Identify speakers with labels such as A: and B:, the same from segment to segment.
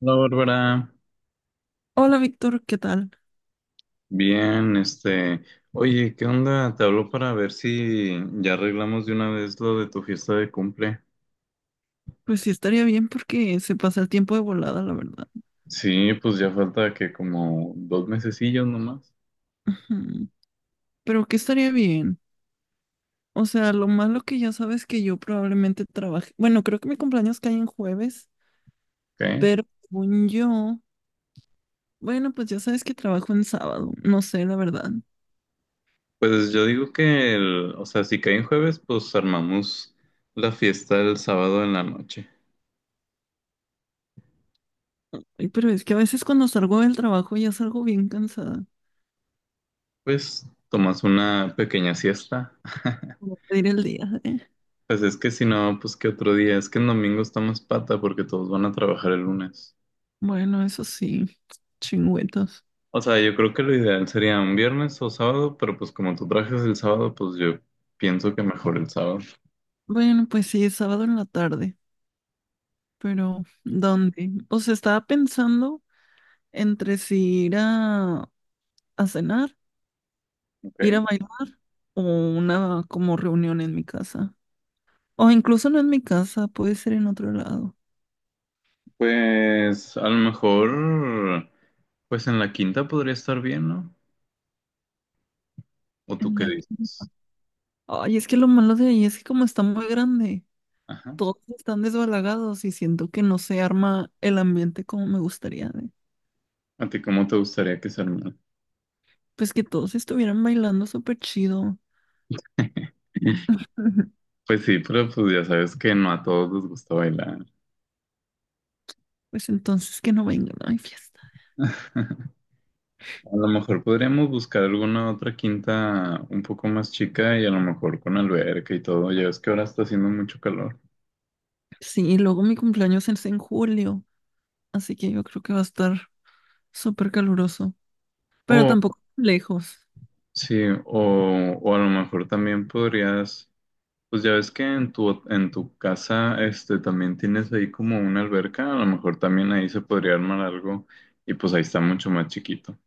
A: Hola Bárbara,
B: Hola Víctor, ¿qué tal?
A: bien, oye, ¿qué onda? Te hablo para ver si ya arreglamos de una vez lo de tu fiesta de cumple.
B: Pues sí, estaría bien porque se pasa el tiempo de volada, la verdad.
A: Sí, pues ya falta que como dos mesecillos nomás,
B: Ujú. Pero ¿qué estaría bien? O sea, lo malo que ya sabes que yo probablemente trabaje. Bueno, creo que mi cumpleaños cae en jueves,
A: ¿ok?
B: pero según yo, bueno, pues ya sabes que trabajo en sábado. No sé, la verdad.
A: Pues yo digo que o sea, si cae en jueves, pues armamos la fiesta el sábado en la noche.
B: Ay, pero es que a veces cuando salgo del trabajo ya salgo bien cansada.
A: Pues tomas una pequeña siesta.
B: Como pedir el día, ¿eh?
A: Pues es que si no, pues que otro día, es que el domingo está más pata porque todos van a trabajar el lunes.
B: Bueno, eso sí, chingüetos.
A: O sea, yo creo que lo ideal sería un viernes o sábado, pero pues como tú trajes el sábado, pues yo pienso que mejor el sábado.
B: Bueno, pues sí, es sábado en la tarde, pero ¿dónde? O sea, estaba pensando entre si ir a cenar, ir a
A: Ok.
B: bailar o una como reunión en mi casa. O incluso no en mi casa, puede ser en otro lado,
A: Pues a lo mejor, pues en la quinta podría estar bien, ¿no? ¿O tú
B: en
A: qué
B: la quinta.
A: dices?
B: Ay, es que lo malo de ahí es que como está muy grande,
A: Ajá.
B: todos están desbalagados y siento que no se arma el ambiente como me gustaría de-
A: ¿A ti cómo te gustaría que se armara?
B: Pues que todos estuvieran bailando súper chido.
A: Pues sí, pero pues ya sabes que no a todos les gusta bailar.
B: Pues entonces que no vengan, no hay fiesta.
A: A lo mejor podríamos buscar alguna otra quinta un poco más chica y a lo mejor con alberca y todo. Ya ves que ahora está haciendo mucho calor.
B: Sí, y luego mi cumpleaños es en julio, así que yo creo que va a estar súper caluroso. Pero
A: O
B: tampoco tan lejos.
A: Sí, o a lo mejor también podrías, pues ya ves que en tu casa también tienes ahí como una alberca, a lo mejor también ahí se podría armar algo y pues ahí está mucho más chiquito.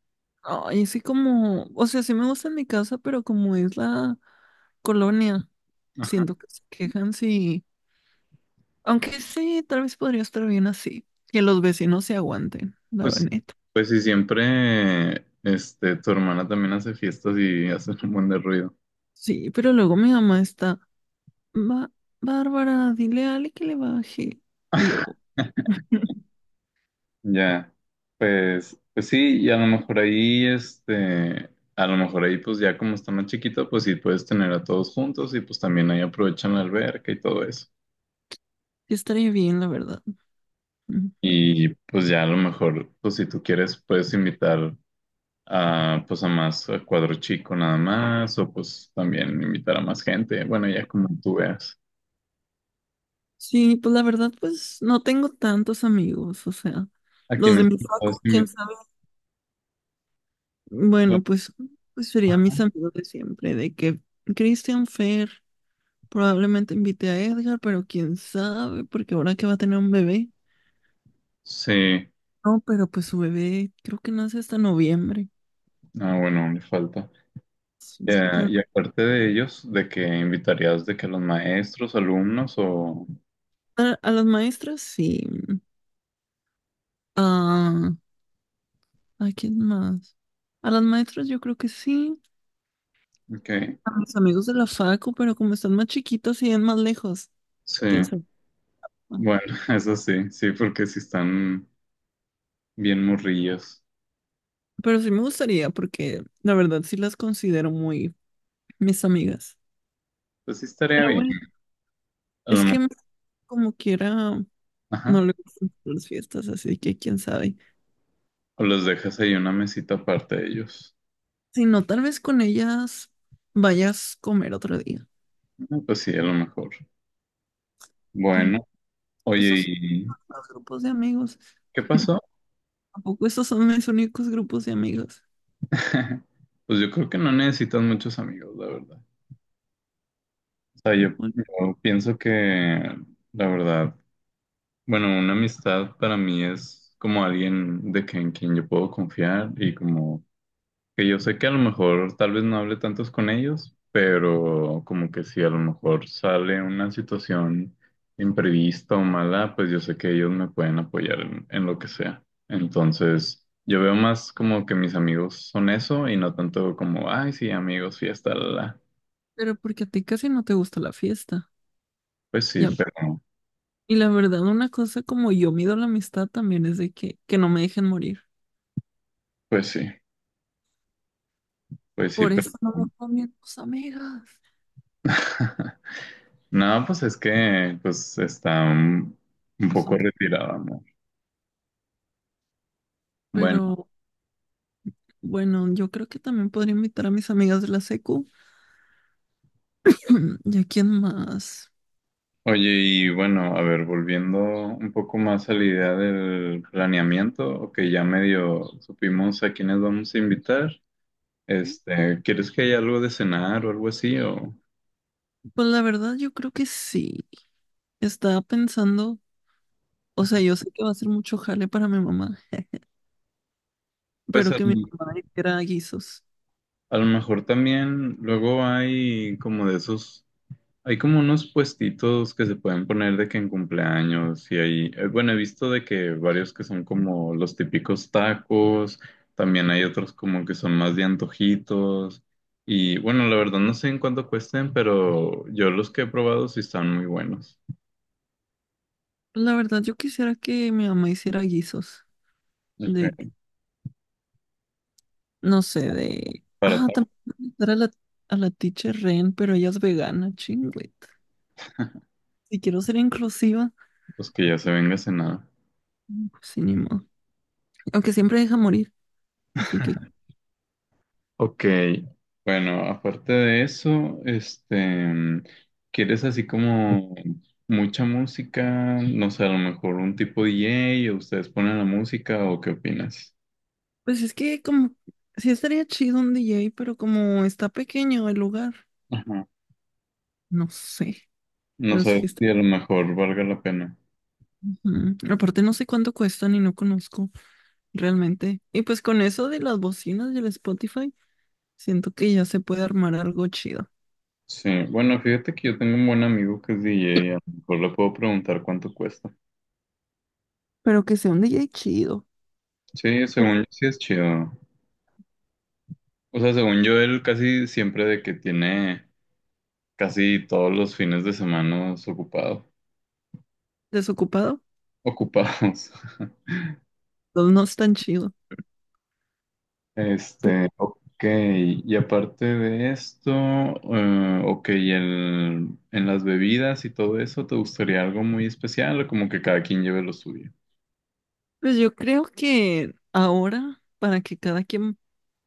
B: Ay, sí como, o sea, sí me gusta mi casa, pero como es la colonia,
A: Ajá.
B: siento que se quejan si, aunque sí, tal vez podría estar bien así, que los vecinos se aguanten, la
A: Pues,
B: verdad.
A: pues si siempre tu hermana también hace fiestas y hace un buen de ruido.
B: Sí, pero luego mi mamá está, "Ba- Bárbara, dile a Ale que le baje. Y yo,
A: Ya, pues sí, y a lo mejor ahí, pues ya como está más chiquito, pues sí puedes tener a todos juntos y pues también ahí aprovechan la alberca y todo eso.
B: sí estaría bien, la verdad. Ujú.
A: Y pues ya a lo mejor, pues si tú quieres, puedes invitar a pues a más a cuadro chico nada más, o pues también invitar a más gente. Bueno, ya como tú veas.
B: Sí, pues la verdad, pues no tengo tantos amigos, o sea,
A: A
B: los de
A: quienes
B: mi facu,
A: puedas
B: quién
A: invitar.
B: sabe. Bueno, pues, pues serían mis amigos de siempre, de que Christian Fer probablemente invite a Edgar, pero quién sabe, porque ahora que va a tener un bebé.
A: Sí,
B: No, pero pues su bebé creo que nace hasta noviembre.
A: ah, bueno, le falta.
B: Sí,
A: Ya,
B: pero
A: y aparte de ellos, ¿de que invitarías de que los maestros, alumnos o
B: a las maestras sí. Ah, ¿a quién más? A las maestras yo creo que sí.
A: qué?
B: A mis amigos de la facu, pero como están más chiquitos y es más lejos,
A: Sí,
B: quién sabe. Ah,
A: bueno, eso sí, sí, porque si están bien morrillos,
B: pero sí me gustaría, porque la verdad sí las considero muy mis amigas.
A: pues sí estaría
B: Pero
A: bien.
B: bueno.
A: A
B: Es
A: lo
B: que me- como quiera,
A: mejor,
B: no le gustan las fiestas, así que quién sabe.
A: O los dejas ahí una mesita aparte de ellos.
B: Si no, tal vez con ellas vayas a comer otro día.
A: Ah, pues sí, a lo mejor.
B: Pero
A: Bueno,
B: esos
A: oye,
B: son
A: ¿y
B: los grupos de amigos.
A: qué pasó?
B: Tampoco esos son mis únicos grupos de amigos.
A: Pues yo creo que no necesitas muchos amigos, la verdad. O sea, yo,
B: Bueno,
A: yo pienso que, la verdad, bueno, una amistad para mí es como alguien de que, en quien yo puedo confiar y como que yo sé que a lo mejor tal vez no hable tantos con ellos, pero como que si a lo mejor sale una situación imprevista o mala, pues yo sé que ellos me pueden apoyar en lo que sea. Entonces, yo veo más como que mis amigos son eso y no tanto como, ay, sí, amigos, fiesta, la, la.
B: pero porque a ti casi no te gusta la fiesta.
A: Pues sí,
B: Y, a-
A: pero,
B: y la verdad, una cosa como yo mido la amistad también es de que no me dejen morir.
A: pues sí, pues sí,
B: Por
A: pero...
B: eso no me con mis tus amigas.
A: No, pues es que, pues está un
B: No
A: poco
B: son tu-
A: retirado, amor. Bueno.
B: Pero bueno, yo creo que también podría invitar a mis amigas de la secu. ¿Y a quién más?
A: Oye, y bueno, a ver, volviendo un poco más a la idea del planeamiento, que ya medio supimos a quiénes vamos a invitar, ¿quieres que haya algo de cenar o algo así? O
B: Pues la verdad, yo creo que sí. Estaba pensando, o sea, yo sé que va a ser mucho jale para mi mamá,
A: pues
B: pero que mi mamá hiciera guisos.
A: a, lo mejor también luego hay como de esos. Hay como unos puestitos que se pueden poner de que en cumpleaños y ahí, bueno, he visto de que varios que son como los típicos tacos, también hay otros como que son más de antojitos y bueno, la verdad no sé en cuánto cuesten, pero yo los que he probado sí están muy buenos.
B: Pues la verdad, yo quisiera que mi mamá hiciera guisos. De,
A: Ok,
B: no sé, de.
A: para
B: Ah, también invitar a a la teacher Ren, pero ella es vegana, chingüet. Si quiero ser inclusiva,
A: tacos que ya se venga cenado.
B: pues sí, ni modo. Aunque siempre deja morir. Así que,
A: Ok, bueno, aparte de eso, mm, ¿quieres así como mucha música? No sé, a lo mejor un tipo DJ o ustedes ponen la música o qué opinas?
B: pues es que como. Sí estaría chido un DJ, pero como está pequeño el lugar.
A: Ajá.
B: No sé,
A: No
B: pero sí
A: sé
B: está.
A: si a lo mejor valga la pena.
B: Ujú. Aparte no sé cuánto cuestan y no conozco realmente. Y pues con eso de las bocinas y el Spotify, siento que ya se puede armar algo chido.
A: Sí, bueno, fíjate que yo tengo un buen amigo que es DJ, a lo mejor le puedo preguntar cuánto cuesta.
B: Pero que sea un DJ chido.
A: Sí, según yo sí es chido. O sea, según yo, él casi siempre de que tiene casi todos los fines de semana
B: Desocupado,
A: ocupados.
B: pues, no es tan chido. Pe-
A: Ok, y aparte de esto, ok, y en las bebidas y todo eso, ¿te gustaría algo muy especial o como que cada quien lleve lo suyo?
B: pues yo creo que ahora, para que cada quien,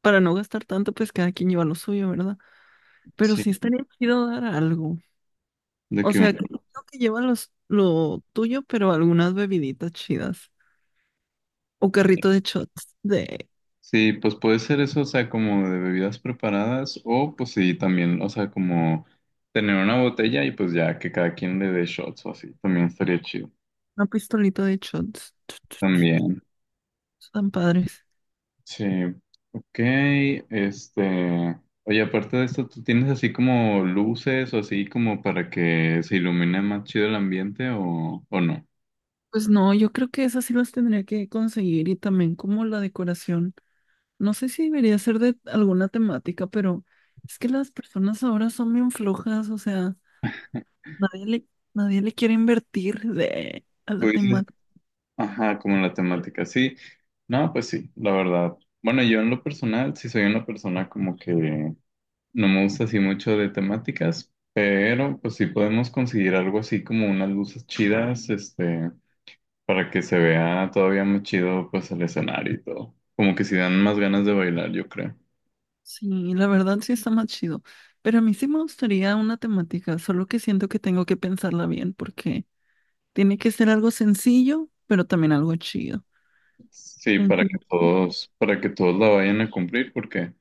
B: para no gastar tanto, pues cada quien lleva lo suyo, ¿verdad? Pero
A: Sí,
B: sí estaría chido dar algo.
A: de
B: O
A: que
B: sea,
A: un-
B: creo que lleva lo tuyo, pero algunas bebiditas chidas. O carrito de shots, de
A: sí, pues puede ser eso, o sea, como de bebidas preparadas o pues sí, también, o sea, como tener una botella y pues ya que cada quien le dé shots o así, también estaría chido.
B: una pistolita de shots.
A: También.
B: Tan padres.
A: Sí, ok, oye, aparte de esto, ¿tú tienes así como luces o así como para que se ilumine más chido el ambiente o no?
B: Pues no, yo creo que esas sí las tendría que conseguir y también como la decoración. No sé si debería ser de alguna temática, pero es que las personas ahora son bien flojas, o sea, nadie le, nadie le quiere invertir de, a
A: Tú
B: la
A: dices,
B: temática.
A: ajá, como la temática, sí, no, pues sí, la verdad. Bueno, yo en lo personal, sí soy una persona como que no me gusta así mucho de temáticas, pero pues sí podemos conseguir algo así como unas luces chidas. Para que se vea todavía más chido pues el escenario y todo. Como que si dan más ganas de bailar, yo creo.
B: Sí, la verdad sí está más chido. Pero a mí sí me gustaría una temática, solo que siento que tengo que pensarla bien porque tiene que ser algo sencillo, pero también algo chido.
A: Sí,
B: Sencillo.
A: para que todos la vayan a cumplir, porque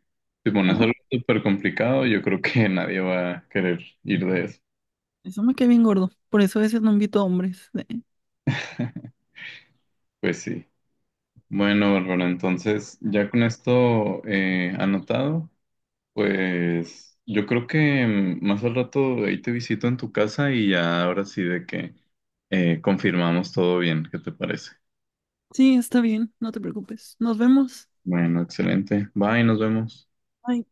A: si pones algo
B: Oh,
A: súper complicado, yo creo que nadie va a querer ir de eso.
B: eso me cae bien gordo. Por eso a veces no invito a hombres.
A: Pues sí. Bueno, Bárbara, entonces ya con esto anotado, pues yo creo que más al rato ahí te visito en tu casa y ya ahora sí de que confirmamos todo bien, ¿qué te parece?
B: Sí, está bien, no te preocupes. Nos vemos.
A: Bueno, excelente. Bye, nos vemos.
B: Bye.